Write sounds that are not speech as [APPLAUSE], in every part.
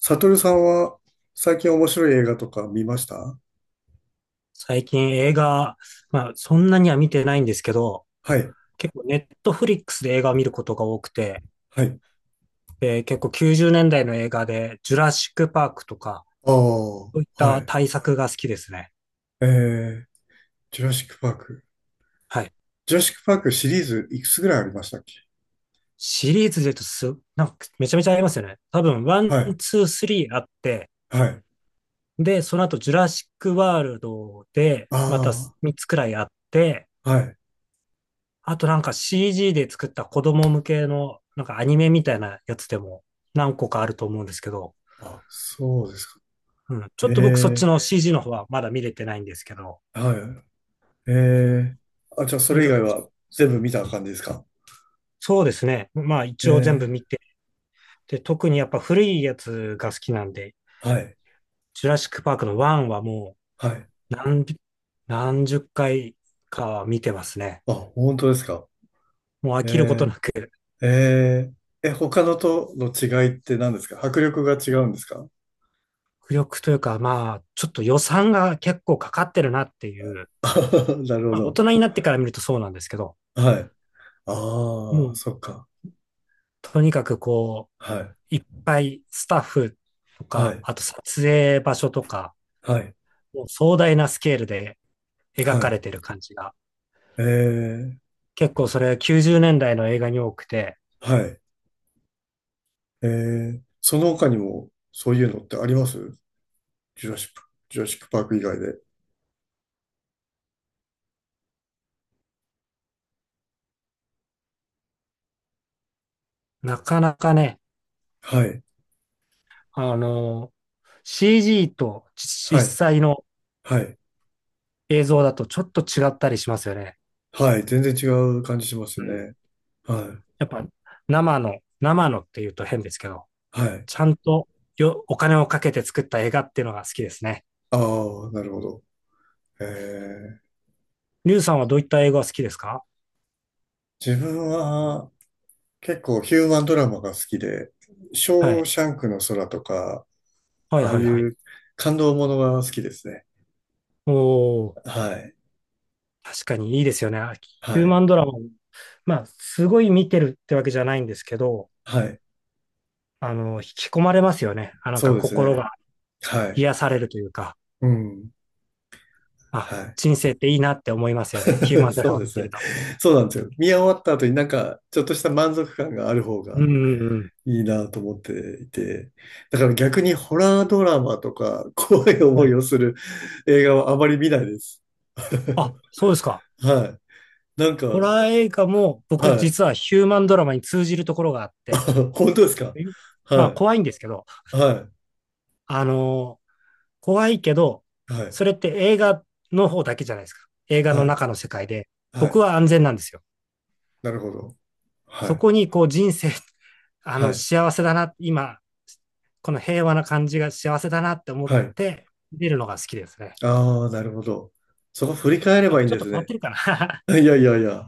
サトルさんは最近面白い映画とか見ました？最近映画、まあそんなには見てないんですけど、はい、結構ネットフリックスで映画を見ることが多くて、はい。で、結構90年代の映画で、ジュラシックパークとか、あそういっあ、はたい。大作が好きですね。えー、ジュラシックパーク。はい。ジュラシックパークシリーズいくつぐらいありましたっけ？シリーズで言うとなんかめちゃめちゃありますよね。多分、ワン、はい、ツー、スリーあって、はい。で、その後、ジュラシックワールドで、またあ3つくらいあって、あ、はい。あとなんか CG で作った子供向けの、なんかアニメみたいなやつでも何個かあると思うんですけど、あ、そうですか。うん。ちょっと僕そっちええの CG の方はまだ見れてないんですけど、はい。ええあ、じゃあそとにれ以か外く、は全部見た感じですか？そうですね。まあ一応全部ええ見て、で、特にやっぱ古いやつが好きなんで、はい、ジュラシックパークの1はもはい。う何十回かは見てますね。あ、本当ですか。もう飽えきることなく、ええええ、他のとの違いって何ですか？迫力が違うんですか？ 浮力というかまあ、ちょっと予算が結構かかってるなっていう、[LAUGHS] なるほまあ大ど。人になってから見るとそうなんですけど、はい。もああ、うそっか。とにかくこはい。う、いっぱいスタッフとはか、い。あと撮影場所とか、はい。もう壮大なスケールで描はかれい。てる感じが、ええ、結構それ90年代の映画に多くて、はい。ええ、その他にも、そういうのってあります？ジュラシック、ジュラシックパーク以外で。なかなかね、はい。あの、CG と実はい。際のはい。映像だとちょっと違ったりしますよね。はい。全然違う感じしますうん。ね。はい。やっぱ生のって言うと変ですけど、はい。ちゃんとよお金をかけて作った映画っていうのが好きですね。ああ、なるほど。ええ、リュウさんはどういった映画が好きですか？自分は、結構ヒューマンドラマが好きで、シはョーい。シャンクの空とか、はいああはいいはい。う感動ものが好きですね。おー。はい。確かにいいですよね。あヒュはーい。マンドラマも、まあ、すごい見てるってわけじゃないんですけど、はい。引き込まれますよね。あ、なんそかうです心ね。がはい。癒されるというか、うん。あ、はい。人生っていいなって思いますよね。ヒュー [LAUGHS] マンドそラうマで見すてるね。と。そうなんですよ。見終わった後になんか、ちょっとした満足感がある方うんがうんうん。いいなと思っていて。だから逆にホラードラマとか、[LAUGHS] 怖いは思いい。をする映画はあまり見ないです。あ、そうですか。[LAUGHS] はい。なんか、ホラー映画も僕はい。実はヒューマンドラマに通じるところがあって、[LAUGHS] 本当ですか？え、まはあ怖いんい。ですけど、はあのー怖いけど、い。はそい。れって映画の方だけじゃないですか。映画のは中のい。世界で、は僕い。は安全なんですよ。なるほど。はそい。こにこう人生、[LAUGHS] あはのい。幸せだな、今、この平和な感じが幸せだなって思っはい。て見るのが好きですね。ああ、なるほど。そこ振り返ればいいんちょでっとす変わっね。てるかな？ [LAUGHS] いやいやいや。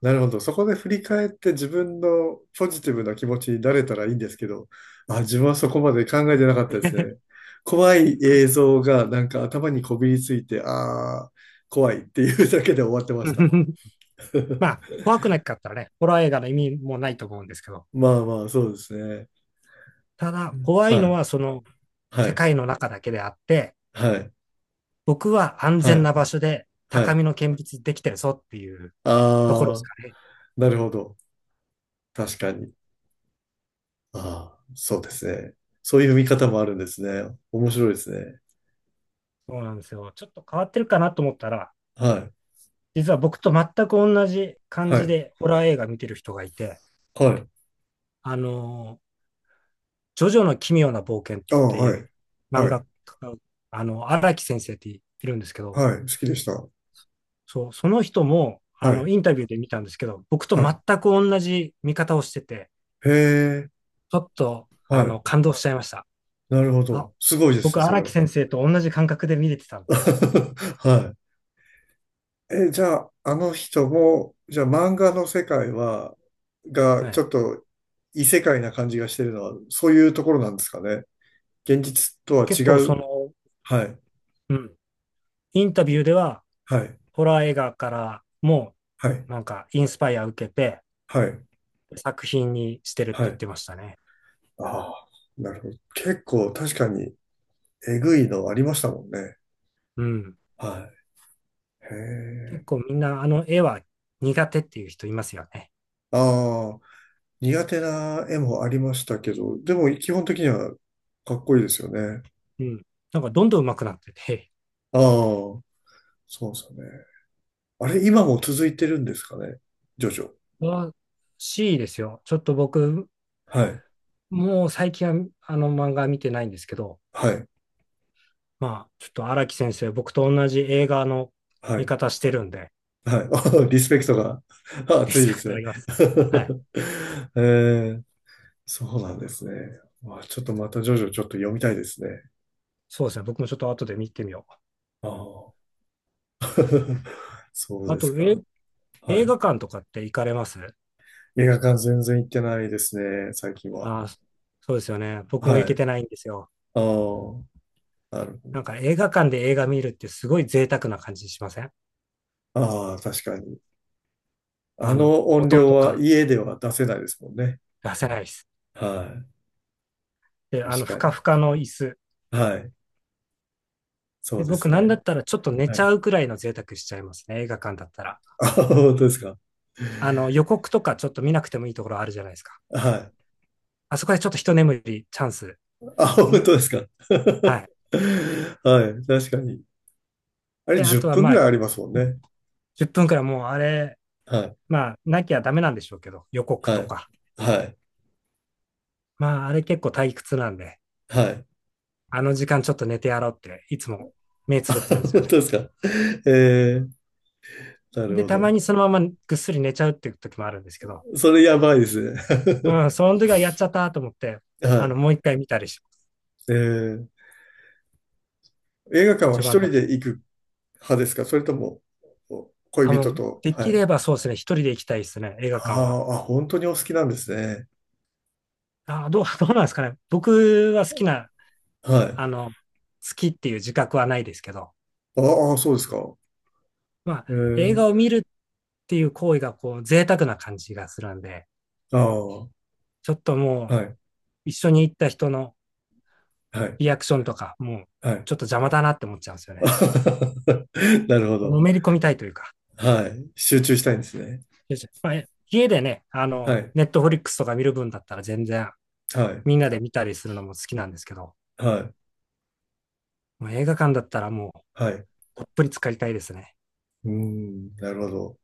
なるほど。そこで振り返って自分のポジティブな気持ちになれたらいいんですけど、あ、自分はそこまで考えてなかったですね。怖い映像がなんか頭にこびりついて、ああ、怖いっていうだけで終わってました。[LAUGHS]。まあ、[LAUGHS] 怖くなかったらね、ホラー映画の意味もないと思うんですけど、まあまあ、そうですね。ただ、怖いはのい、はそのは世い、界の中だけであって、はい、僕は安は全い、な場所では高い。みの見物できてるぞっていうところですああ、かね。なるほど。確かに。ああ、そうですね。そういう見方もあるんですね。面白いですね。そうなんですよ。ちょっと変わってるかなと思ったら、はい。実は僕と全く同じ感はじい。でホラー映画見てる人がいて、はい。あの、ジョジョの奇妙な冒険っああ、てはいうい。漫は画い。家、荒木先生っているんですけど、はい。好きでした。そう、その人も、はい。インタビューで見たんですけど、僕とは全い。く同じ見方をしてて、へえ。ちょっと、はあい。の、感動しちゃいました。なるほあ、ど。すごいです僕、ね、それ荒木は。先生と同じ感覚で見れてたんだと思って。[LAUGHS] はいえ、じゃあ、あの人も、じゃあ漫画の世界は、が、はちい。ょっと異世界な感じがしてるのは、そういうところなんですかね。現実とは違結構、そう。の、はい。うん、インタビューでは、はい。ホラー映画からも、はい。なんか、インスパイア受けて、はい。作品にしてるっては言っい。てましたね。ああ、なるほど。結構確かにえぐいのありましたもんね。うん。はい。へ結え。構みんなあの絵は苦手っていう人いますよね。ああ、苦手な絵もありましたけど、でも基本的にはかっこいいですよね。うん。なんかどんどん上手くなってて、ああ、そうですよね。あれ、今も続いてるんですかね。ジョジョ。らしいですよ。ちょっと僕、はい。もう最近はあの漫画見てないんですけど、はい。まあ、ちょっと荒木先生、僕と同じ映画のは見い。方してるんで、はい。[LAUGHS] リスペクトが [LAUGHS] [LAUGHS] リ熱いスでペクすトあね。ります。はい。[LAUGHS] えー、そうなんですね。まあ、ちょっとまたジョジョちょっと読みたいですね。そうですね。僕もちょっと後で見てみよああ、[LAUGHS] そうう。あですと、え、か。は映画い。館とかって行かれます？映画館全然行ってないですね、最近は。ああ、そうですよね。僕もは行い。けてないんですよ。ああ、なるなんほか映画館で映画見るってすごい贅沢な感じしません？ど。ああ、確かに。ああの、の音音量とはか家では出せないですもんね。出せないです。はい。で、あの、ふ確かかに。ふかの椅子。はい。そで、うで僕すなんだね。ったらちょっと寝はちい。ゃうくらいの贅沢しちゃいますね。映画館だったら。あ、本当ですか。あの、予告とかちょっと見なくてもいいところあるじゃないですか。はあそこでちょっと一眠り、チャンス。い。あ、本ん、当ですか。[LAUGHS] はい。はい。確かに。あれで、あ10とは分ぐまあ、う、らいありますもんね。10分くらいもうあれ、はい。まあ、なきゃダメなんでしょうけど、予告はとい。か。はい。まあ、あれ結構退屈なんで、はい。あの時間ちょっと寝てやろうって、いつも目つぶってるんで [LAUGHS] す本よ当ね。ですか。えー、なるで、ほたまど。にそのままぐっすり寝ちゃうっていう時もあるんですけど、それやばいですね。うん、その時はやっちゃったと思って、[LAUGHS] はもう一回見たりします。い。えー映画館は一一番だ人け。で行く派ですか？それとも、あ、恋も人う、と。ではきい。ればそうですね、一人で行きたいですね、映画館は。あーあ、本当にお好きなんですね。[LAUGHS] どうなんですかね。僕は好きな、はあい。の、好きっていう自覚はないですけど、ああ、そうですか。まあ、え映ー、画を見るっていう行為が、こう、贅沢な感じがするんで、ああ、はちょっともう、い、一緒に行った人のはい、リアクションとか、もう、はい。ちょっと邪魔だなって思っちゃうんですよね。[LAUGHS] なるほのど。めり込みたいというか。はい。集中したいんですね。まあ家でね、はい、ネットフリックスとか見る分だったら全然はい、みんなで見たりするのも好きなんですけど、はい、もう映画館だったらもはい。ううほっぷり浸かりたいですね。ーん、なるほど。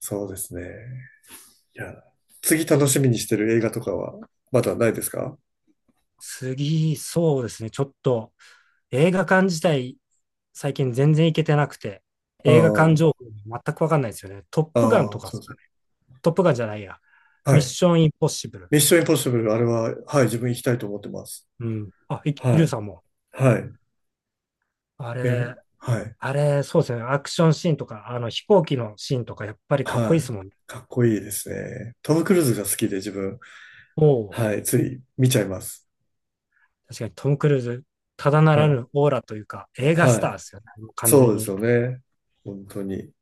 そうですね。いや、次楽しみにしてる映画とかはまだないですか？次、そうですね。ちょっと映画館自体、最近全然行けてなくて、あ映画館情あ、報全くわかんないですよね。トップガンとああ、かでそうすかそう。ね。トップガンじゃないや。はミッい。ションインポッシブル。ミッションインポッシブル、あれは、はい、自分行きたいと思ってます。うん。あ、いイルはい、さんも。はい、あえ、れ、はい、あれ、そうですね。アクションシーンとか、あの飛行機のシーンとか、やっぱりかっこいいではすい。もんね。かっこいいですね。トム・クルーズが好きで自分、おお、はい、つい見ちゃいます。確かにトム・クルーズ、ただなはらい、ぬオーラというか、映画スはターですい。よね。完そう全ですに。よね。本当に。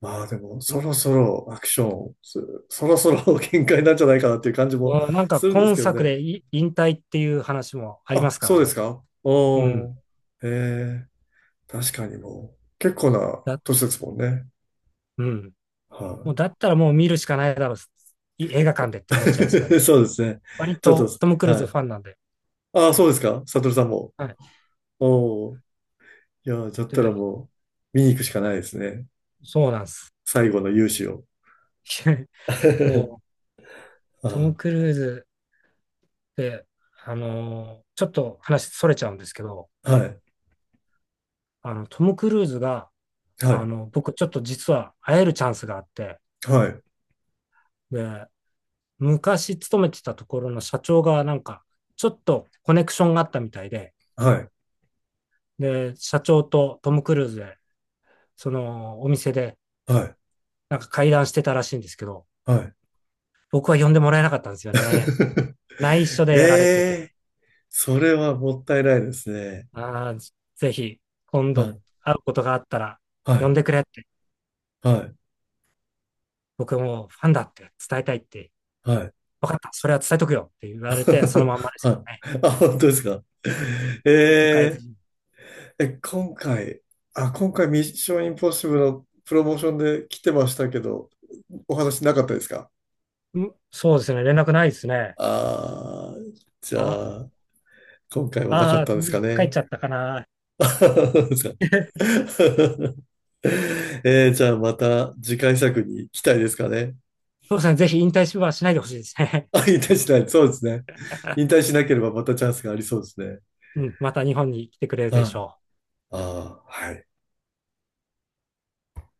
まあでも、そろそろアクション、そろそろ [LAUGHS] 限界なんじゃないかなっていう感じもうん、なんかするんです今けど作ね。でい引退っていう話もありまあ、すかそらうですね。かうん。おー、えー、確かにもう、結構なだ、年ですもんね。うん。はもうい。だったらもう見るしかないだろう。い映画館でって思っちゃいますからね。[LAUGHS] そうですね。割ちょっと、とトム・クルーはズい。ファンなんで。ああ、そうですか。サトルさんも。はい。おお。いやー、だったらで、もう、見に行くしかないですね。そうなんです。最後の勇姿を。[LAUGHS] もう [LAUGHS] トあム・クルーズって、ちょっと話それちゃうんですけど、あ、はい。トム・クルーズが、はい。僕ちょっと実は会えるチャンスがあって、はい。で、昔勤めてたところの社長がなんか、ちょっとコネクションがあったみたいで、はい。で、社長とトム・クルーズで、そのお店ではい。なんか会談してたらしいんですけど、はい。僕は呼んでもらえなかったんですよね。内緒 [LAUGHS] でやられてて。ええそれはもったいないですね。あー、ぜひ、今は度い。会うことがあったら、は呼い。んでくれって、はい。僕もファンだって伝えたいって、はい。分かった、それは伝えとくよって言 [LAUGHS] われて、そのまんまですけどはね。い。あ、本当ですか。結局会ええずー、に、え、今回、あ、今回ミッションインポッシブルのプロモーションで来てましたけど、お話なかったですか？うん、そうですね、連絡ないですね。ああー、じゃあ、あ、今回はなかっあたんですかー、帰っね。ちゃったかな。[LAUGHS] じゃあ [LAUGHS] [LAUGHS] えー、じゃあまた次回作に期待ですかね。そうですね、ぜひ引退はしないでほしいですね。あ、引退しない。そうですね。引退しなければまたチャンスがありそうですね。[LAUGHS] うん、また日本に来てくれるではしい。ょう。ああ、はい。